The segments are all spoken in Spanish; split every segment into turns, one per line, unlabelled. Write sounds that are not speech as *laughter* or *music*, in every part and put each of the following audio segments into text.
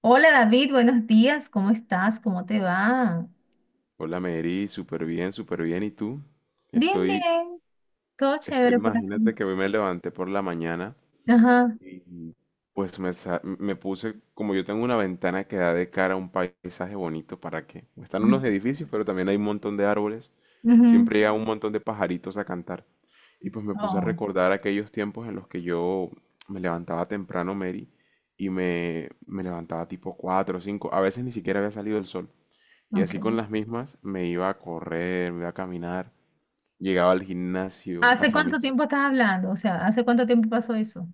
Hola David, buenos días, ¿cómo estás? ¿Cómo te va?
Hola Mary, súper bien, súper bien. ¿Y tú?
Bien,
Estoy,
bien, todo
estoy,
chévere por
imagínate
aquí.
que hoy me levanté por la mañana
Ajá.
y pues me puse, como yo tengo una ventana que da de cara a un paisaje bonito, ¿para qué? Están unos edificios, pero también hay un montón de árboles.
Ujú.
Siempre llega un montón de pajaritos a cantar. Y pues me puse a
Oh,
recordar aquellos tiempos en los que yo me levantaba temprano, Mary, y me levantaba tipo 4 o 5. A veces ni siquiera había salido el sol. Y así con
ok.
las mismas me iba a correr, me iba a caminar, llegaba al gimnasio,
¿Hace
hacía
cuánto
mis.
tiempo estás hablando? O sea, ¿hace cuánto tiempo pasó eso?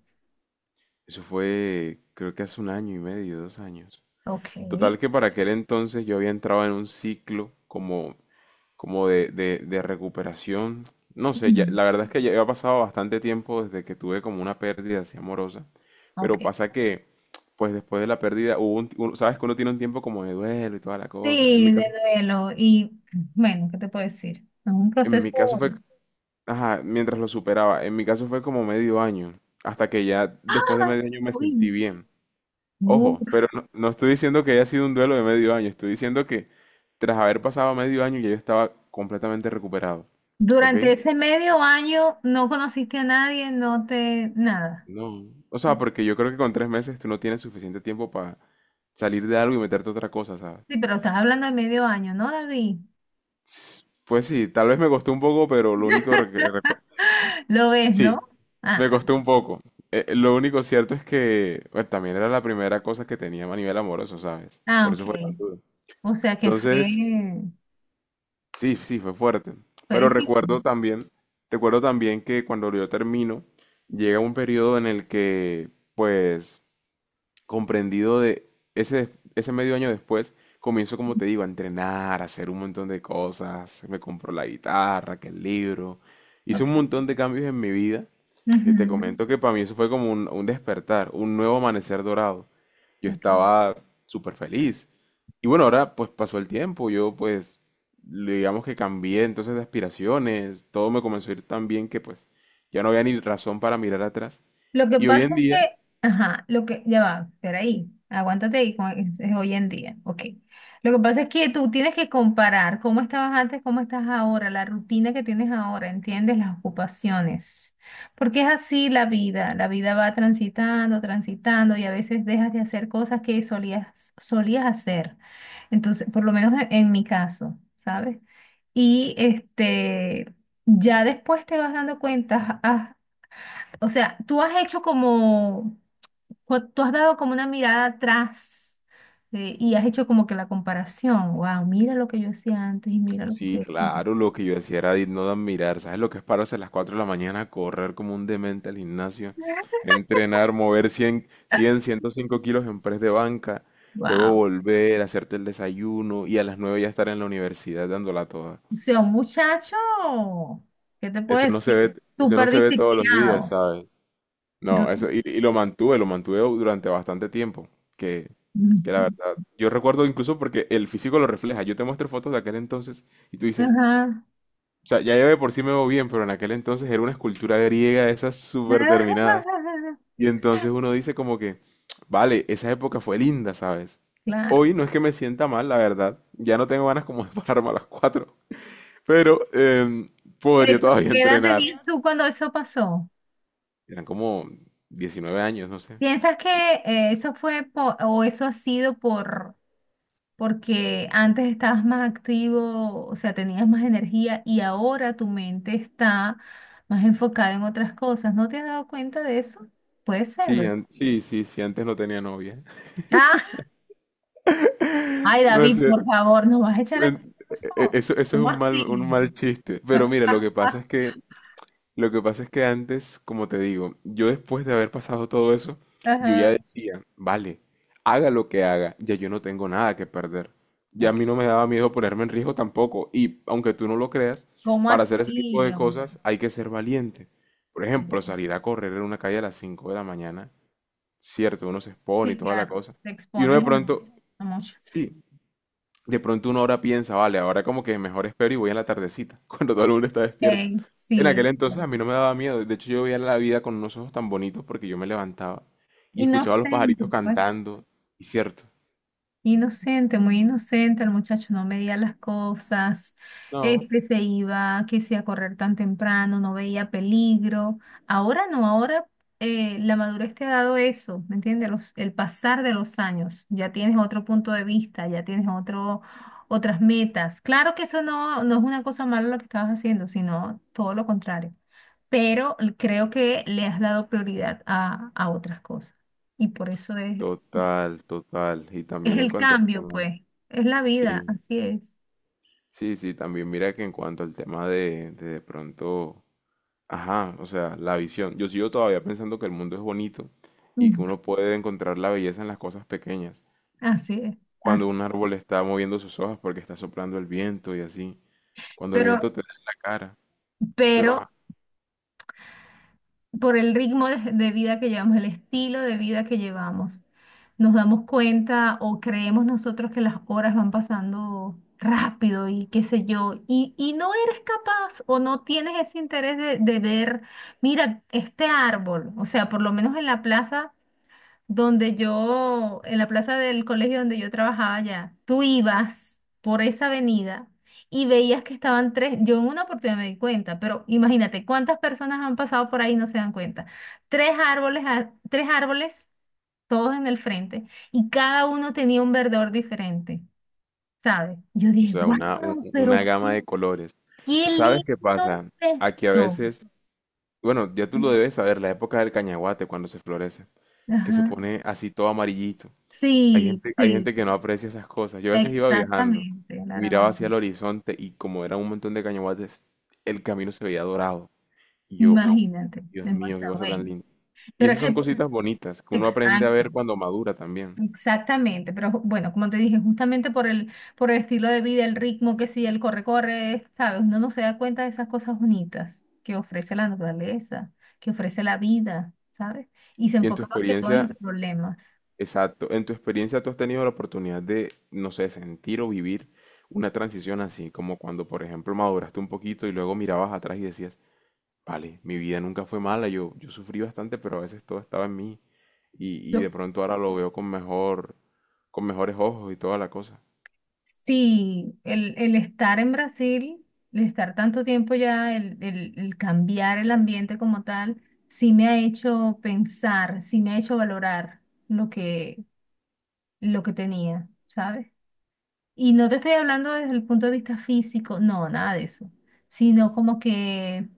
Eso fue, creo que hace un año y medio, 2 años.
Ok.
Total que para aquel entonces yo había entrado en un ciclo como, como de recuperación. No sé,
Mm,
la verdad es que ya había pasado bastante tiempo desde que tuve como una pérdida así amorosa.
ok.
Pero pasa que, pues después de la pérdida, Sabes que uno tiene un tiempo como de duelo y toda la cosa. En
Sí,
mi
de
caso,
duelo. Bueno, ¿qué te puedo decir? Es un
en mi
proceso.
caso fue, ajá, mientras lo superaba. En mi caso fue como medio año, hasta que ya después de
¡Ah!
medio año me sentí
Uy.
bien.
bu-
Ojo, pero no, no estoy diciendo que haya sido un duelo de medio año, estoy diciendo que tras haber pasado medio año ya yo estaba completamente recuperado, ¿ok?
Durante ese medio año no conociste a nadie, no te, nada.
No. O sea, porque yo creo que con 3 meses tú no tienes suficiente tiempo para salir de algo y meterte a otra cosa, ¿sabes?
Sí, pero estás hablando de medio año, ¿no, David?
Pues sí, tal vez me costó un poco, pero lo único que
*laughs*
recuerdo.
Lo ves, ¿no?
Me
Ah,
costó un poco. Lo único cierto es que bueno, también era la primera cosa que tenía a nivel amoroso, ¿sabes?
ah,
Por
ok.
eso fue tan duro.
O sea que fue,
Entonces, sí, sí, fue fuerte.
fue
Pero
difícil.
recuerdo también que cuando yo termino, llega un periodo en el que, pues, comprendido de ese, ese, medio año después, comienzo, como te digo, a entrenar, a hacer un montón de cosas. Me compró la guitarra, que el libro. Hice un
Ok.
montón de cambios en mi vida. Y te
Ujú,
comento que para mí eso fue como un despertar, un nuevo amanecer dorado. Yo
ok.
estaba súper feliz. Y bueno, ahora pues pasó el tiempo. Yo pues, digamos que cambié entonces de aspiraciones. Todo me comenzó a ir tan bien que pues ya no había ni razón para mirar atrás.
Lo que
Y hoy
pasa
en
es
día,
que, ajá, lo que, ya va, espera ahí, aguántate ahí, como es hoy en día, ok. Lo que pasa es que tú tienes que comparar cómo estabas antes, cómo estás ahora, la rutina que tienes ahora, ¿entiendes? Las ocupaciones. Porque es así la vida va transitando, transitando y a veces dejas de hacer cosas que solías, solías hacer. Entonces, por lo menos en mi caso, ¿sabes? Y este, ya después te vas dando cuenta, o sea, tú has hecho como, tú has dado como una mirada atrás y has hecho como que la comparación. Wow, mira lo que yo hacía antes y mira lo que
sí,
estoy haciendo.
claro, lo que yo decía era no de admirar. ¿Sabes lo que es pararse a las 4 de la mañana a correr como un demente al gimnasio? Entrenar, mover 105 kilos en press de banca, luego
Wow.
volver, hacerte el desayuno y a las 9 ya estar en la universidad dándola toda.
O sea, un muchacho, ¿qué te puedo
Eso no se
decir?
ve, eso no
Súper
se ve todos los días,
disciplinado.
¿sabes? No,
Du-
eso, y lo mantuve durante bastante tiempo, que, que la
Ujú.
verdad, yo recuerdo incluso porque el físico lo refleja. Yo te muestro fotos de aquel entonces y tú dices.
Ajá.
O sea, ya yo de por sí me veo bien, pero en aquel entonces era una escultura griega de esas súper terminadas.
*laughs*
Y entonces uno dice como que, vale, esa época fue linda, ¿sabes?
Claro.
Hoy no es que me sienta mal, la verdad. Ya no tengo ganas como de *laughs* pararme a las 4. Pero podría
Esto,
todavía
¿qué edad tenías
entrenar.
tú cuando eso pasó?
Eran como 19 años, no sé.
¿Piensas que eso fue por, o eso ha sido por porque antes estabas más activo, o sea, tenías más energía y ahora tu mente está más enfocada en otras cosas? ¿No te has dado cuenta de eso? Puede ser,
Sí,
¿verdad?
sí, sí, sí, antes no tenía novia. *laughs*
Ah, ay,
No
David,
sé,
por favor, nos vas a echar la culpa
en-
a
e- e-
nosotros.
eso, eso es
¿Cómo
un mal, un
así?
mal chiste. Pero mira,
*laughs*
lo que pasa es que antes, como te digo, yo después de haber pasado todo eso, yo ya
Ajá,
decía, vale, haga lo que haga, ya yo no tengo nada que perder. Ya a
ok.
mí no me daba miedo ponerme en riesgo tampoco. Y aunque tú no lo creas,
¿Cómo
para hacer ese tipo
así,
de
hombre?
cosas hay que ser valiente. Por
Sí,
ejemplo, salir a correr en una calle a las 5 de la mañana, cierto, uno se expone y
sí,
toda la
claro,
cosa.
te
Y uno de
expones
pronto,
a mucho.
sí, de pronto uno ahora piensa, vale, ahora como que mejor espero y voy a la tardecita, *laughs* cuando todo el mundo está despierto.
Ey,
En aquel
sí,
entonces a mí no me daba miedo, de hecho yo veía la vida con unos ojos tan bonitos porque yo me levantaba y escuchaba a los pajaritos
inocente, pues.
cantando, y cierto.
Inocente, muy inocente, el muchacho no medía las cosas,
No,
este se iba, que se a correr tan temprano, no veía peligro. Ahora no, ahora la madurez te ha dado eso, ¿me entiendes? El pasar de los años, ya tienes otro punto de vista, ya tienes otro, otras metas. Claro que eso no, no es una cosa mala lo que estabas haciendo, sino todo lo contrario, pero creo que le has dado prioridad a otras cosas y por eso es...
total, total. Y
Es
también en
el
cuanto al
cambio,
tema,
pues, es la vida,
sí,
así es.
sí, sí, también mira que en cuanto al tema de pronto, ajá, o sea, la visión. Yo sigo todavía pensando que el mundo es bonito y que
Mm.
uno puede encontrar la belleza en las cosas pequeñas.
Así es,
Cuando
así.
un árbol está moviendo sus hojas porque está soplando el viento y así. Cuando el
Pero,
viento te da en la cara. Pero
pero
ajá,
por el ritmo de vida que llevamos, el estilo de vida que llevamos, nos damos cuenta o creemos nosotros que las horas van pasando rápido y qué sé yo, y no eres capaz o no tienes ese interés de ver, mira, este árbol, o sea, por lo menos en la plaza. Donde yo, en la plaza del colegio donde yo trabajaba ya tú ibas por esa avenida y veías que estaban tres, yo en una oportunidad me di cuenta, pero imagínate cuántas personas han pasado por ahí y no se dan cuenta. Tres árboles, tres árboles, todos en el frente, y cada uno tenía un verdor diferente, ¿sabes? Yo
o
dije,
sea, una, un-
wow,
una
pero
gama
qué,
de colores.
qué
¿Sabes
lindo
qué pasa?
es
Aquí a
esto.
veces, bueno, ya tú lo debes saber, la época del cañaguate cuando se florece, que se
Ajá.
pone así todo amarillito.
Sí,
Hay
sí,
gente que no aprecia esas cosas. Yo a veces iba viajando
exactamente,
y
Lara.
miraba hacia el horizonte y como era un montón de cañaguates, el camino se veía dorado. Y yo,
Imagínate,
Dios mío, qué
demasiado
cosa tan
bello.
linda. Y
Pero
esas
es
son
que,
cositas bonitas que uno aprende a
exacto,
ver cuando madura también.
exactamente. Pero bueno, como te dije, justamente por el estilo de vida, el ritmo que sí, el corre, corre, ¿sabes? Uno no se da cuenta de esas cosas bonitas que ofrece la naturaleza, que ofrece la vida, ¿sabes? Y se
Y en tu
enfoca más que todo en
experiencia,
los problemas.
exacto, en tu experiencia tú has tenido la oportunidad de, no sé, sentir o vivir una transición así, como cuando, por ejemplo, maduraste un poquito y luego mirabas atrás y decías, vale, mi vida nunca fue mala, yo sufrí bastante, pero a veces todo estaba en mí. Y de pronto ahora lo veo con mejor, con mejores ojos y toda la cosa.
Sí, el estar en Brasil, el estar tanto tiempo ya, el, el cambiar el ambiente como tal, sí me ha hecho pensar, sí me ha hecho valorar lo que, lo que tenía, ¿sabes? Y no te estoy hablando desde el punto de vista físico, no, nada de eso, sino como que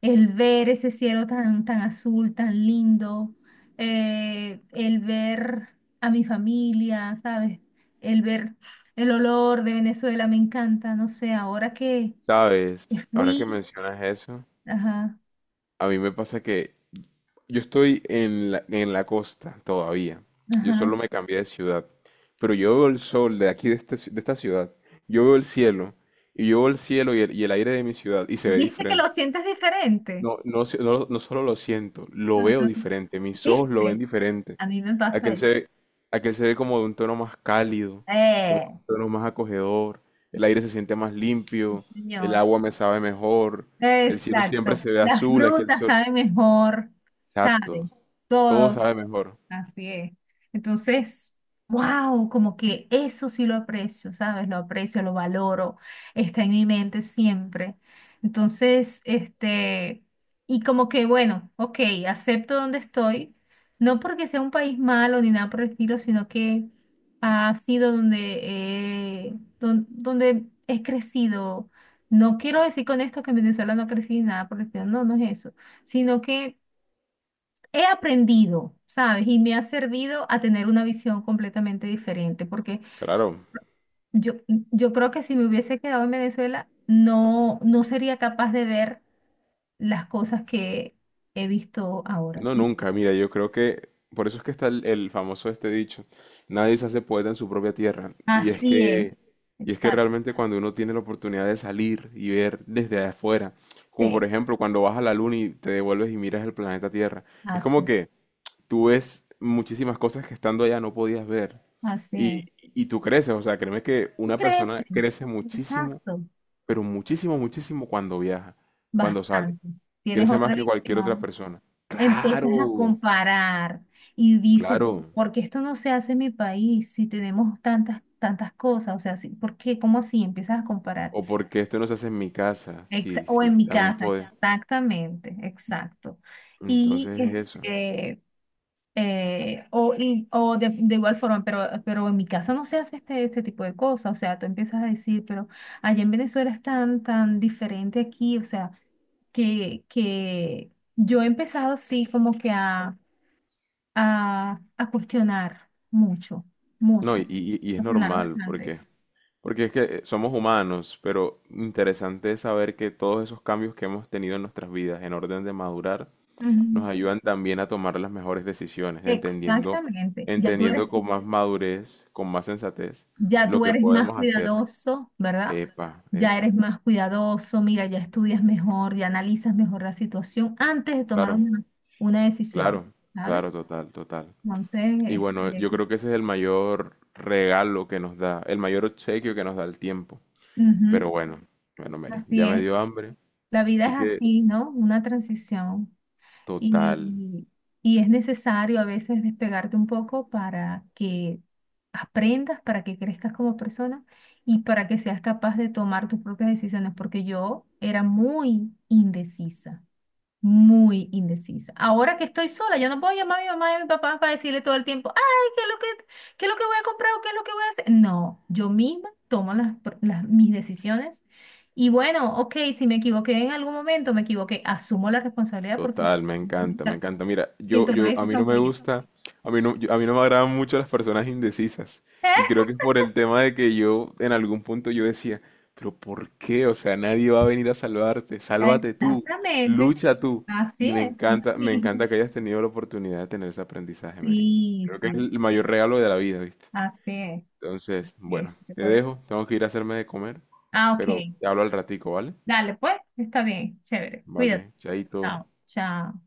el ver ese cielo tan, tan azul, tan lindo, el ver a mi familia, ¿sabes? El ver el olor de Venezuela me encanta, no sé, ahora que
¿Sabes? Ahora que
fui,
mencionas eso,
ajá,
a mí me pasa que yo estoy en la costa todavía. Yo solo
ajá.
me cambié de ciudad. Pero yo veo el sol de aquí, de, este ci- de esta ciudad. Yo veo el cielo. Y yo veo el cielo y el aire de mi ciudad. Y se ve
¿Viste que lo
diferente.
sientes diferente?
No, no, no solo lo siento, lo
Ajá.
veo diferente. Mis ojos lo ven
¿Viste?
diferente.
A mí me pasa
Aquel se
eso.
ve, aquel se ve como de un tono más cálido,
Eh,
como de un tono más acogedor. El aire se siente más limpio. El
señor.
agua me sabe mejor. El cielo siempre
Exacto.
se ve
Las
azul. Aquel
frutas
sol.
saben mejor, ¿sabes?
Exacto. Todo
Todo.
sabe mejor.
Así es. Entonces, wow, como que eso sí lo aprecio, ¿sabes? Lo aprecio, lo valoro, está en mi mente siempre. Entonces, este, y como que, bueno, ok, acepto donde estoy, no porque sea un país malo ni nada por el estilo, sino que ha sido donde, eh, donde he crecido. No quiero decir con esto que en Venezuela no crecí ni nada por el estilo, no, no es eso, sino que he aprendido, ¿sabes? Y me ha servido a tener una visión completamente diferente, porque
Claro,
yo creo que si me hubiese quedado en Venezuela, no, no sería capaz de ver las cosas que he visto ahora.
no
Y
nunca, mira, yo creo que por eso es que está el famoso este dicho, nadie se hace poeta en su propia tierra,
así es,
y es que
exacto.
realmente cuando uno tiene la oportunidad de salir y ver desde afuera, como por
Sí,
ejemplo cuando vas a la luna y te devuelves y miras el planeta Tierra, es como
así,
que tú ves muchísimas cosas que estando allá no podías ver,
así es.
y tú creces, o sea, créeme que
Tú
una persona
creces,
crece muchísimo,
exacto,
pero muchísimo, muchísimo cuando viaja, cuando sale.
bastante. Tienes
Crece
otra
más que cualquier otra
visión.
persona.
Empiezas a
Claro,
comparar y dices,
claro.
¿por qué esto no se hace en mi país si tenemos tantas, tantas cosas? O sea, sí, ¿por qué? ¿Cómo así? Empiezas a comparar.
O porque esto no se hace en mi casa. Sí,
O
sí,
en mi
también
casa,
puede.
exactamente, exacto. Y
Entonces es eso.
este, o de igual forma, pero en mi casa no se hace este, este tipo de cosas. O sea, tú empiezas a decir, pero allá en Venezuela es tan, tan diferente aquí. O sea, que yo he empezado, sí, como que a, a cuestionar mucho,
No,
mucho,
y, y-
a
y es
cuestionar
normal,
bastante.
porque es que somos humanos, pero interesante es saber que todos esos cambios que hemos tenido en nuestras vidas en orden de madurar nos
Ujú.
ayudan también a tomar las mejores decisiones, entendiendo,
Exactamente.
entendiendo con más madurez, con más sensatez,
Ya
lo
tú
que
eres más
podemos hacer.
cuidadoso, ¿verdad?
Epa,
Ya eres
epa.
más cuidadoso, mira, ya estudias mejor, ya analizas mejor la situación antes de tomar
Claro.
una decisión,
Claro,
¿sabes?
claro, total, total.
Entonces,
Y bueno,
este,
yo creo que ese es el mayor regalo que nos da, el mayor obsequio que nos da el tiempo.
ujú,
Pero bueno, bueno, Mary,
así
ya me
es.
dio hambre,
La vida es
así que
así, ¿no? Una transición.
total.
Y, y es necesario a veces despegarte un poco para que aprendas, para que crezcas como persona y para que seas capaz de tomar tus propias decisiones, porque yo era muy indecisa muy indecisa. Ahora que estoy sola, yo no puedo llamar a mi mamá y a mi papá para decirle todo el tiempo, ay, ¿qué es lo que, qué es lo que voy a comprar o qué es lo que voy a hacer? No, yo misma tomo las, mis decisiones y bueno, ok, si me equivoqué en algún momento, me equivoqué, asumo la responsabilidad porque
Total, me encanta, me
*laughs*
encanta. Mira,
quien tomó la decisión fue yo.
a mí no me agradan mucho las personas indecisas. Y
*laughs*
creo que es por el tema de que yo, en algún punto yo decía, pero ¿por qué? O sea, nadie va a venir a salvarte, sálvate tú,
Exactamente.
lucha tú.
Así
Y
es. Uno
me
mismo.
encanta que hayas tenido la oportunidad de tener ese aprendizaje, Mary.
Sí,
Creo que es
sí,
el mayor
sí.
regalo de la vida, ¿viste?
Así es.
Entonces,
Sí,
bueno,
se
te
puede decir.
dejo, tengo que ir a hacerme de comer,
Ah,
pero
ok.
te hablo al ratico, ¿vale?
Dale, pues, está bien, chévere. Cuídate.
Vale, chaito.
Chao, chao.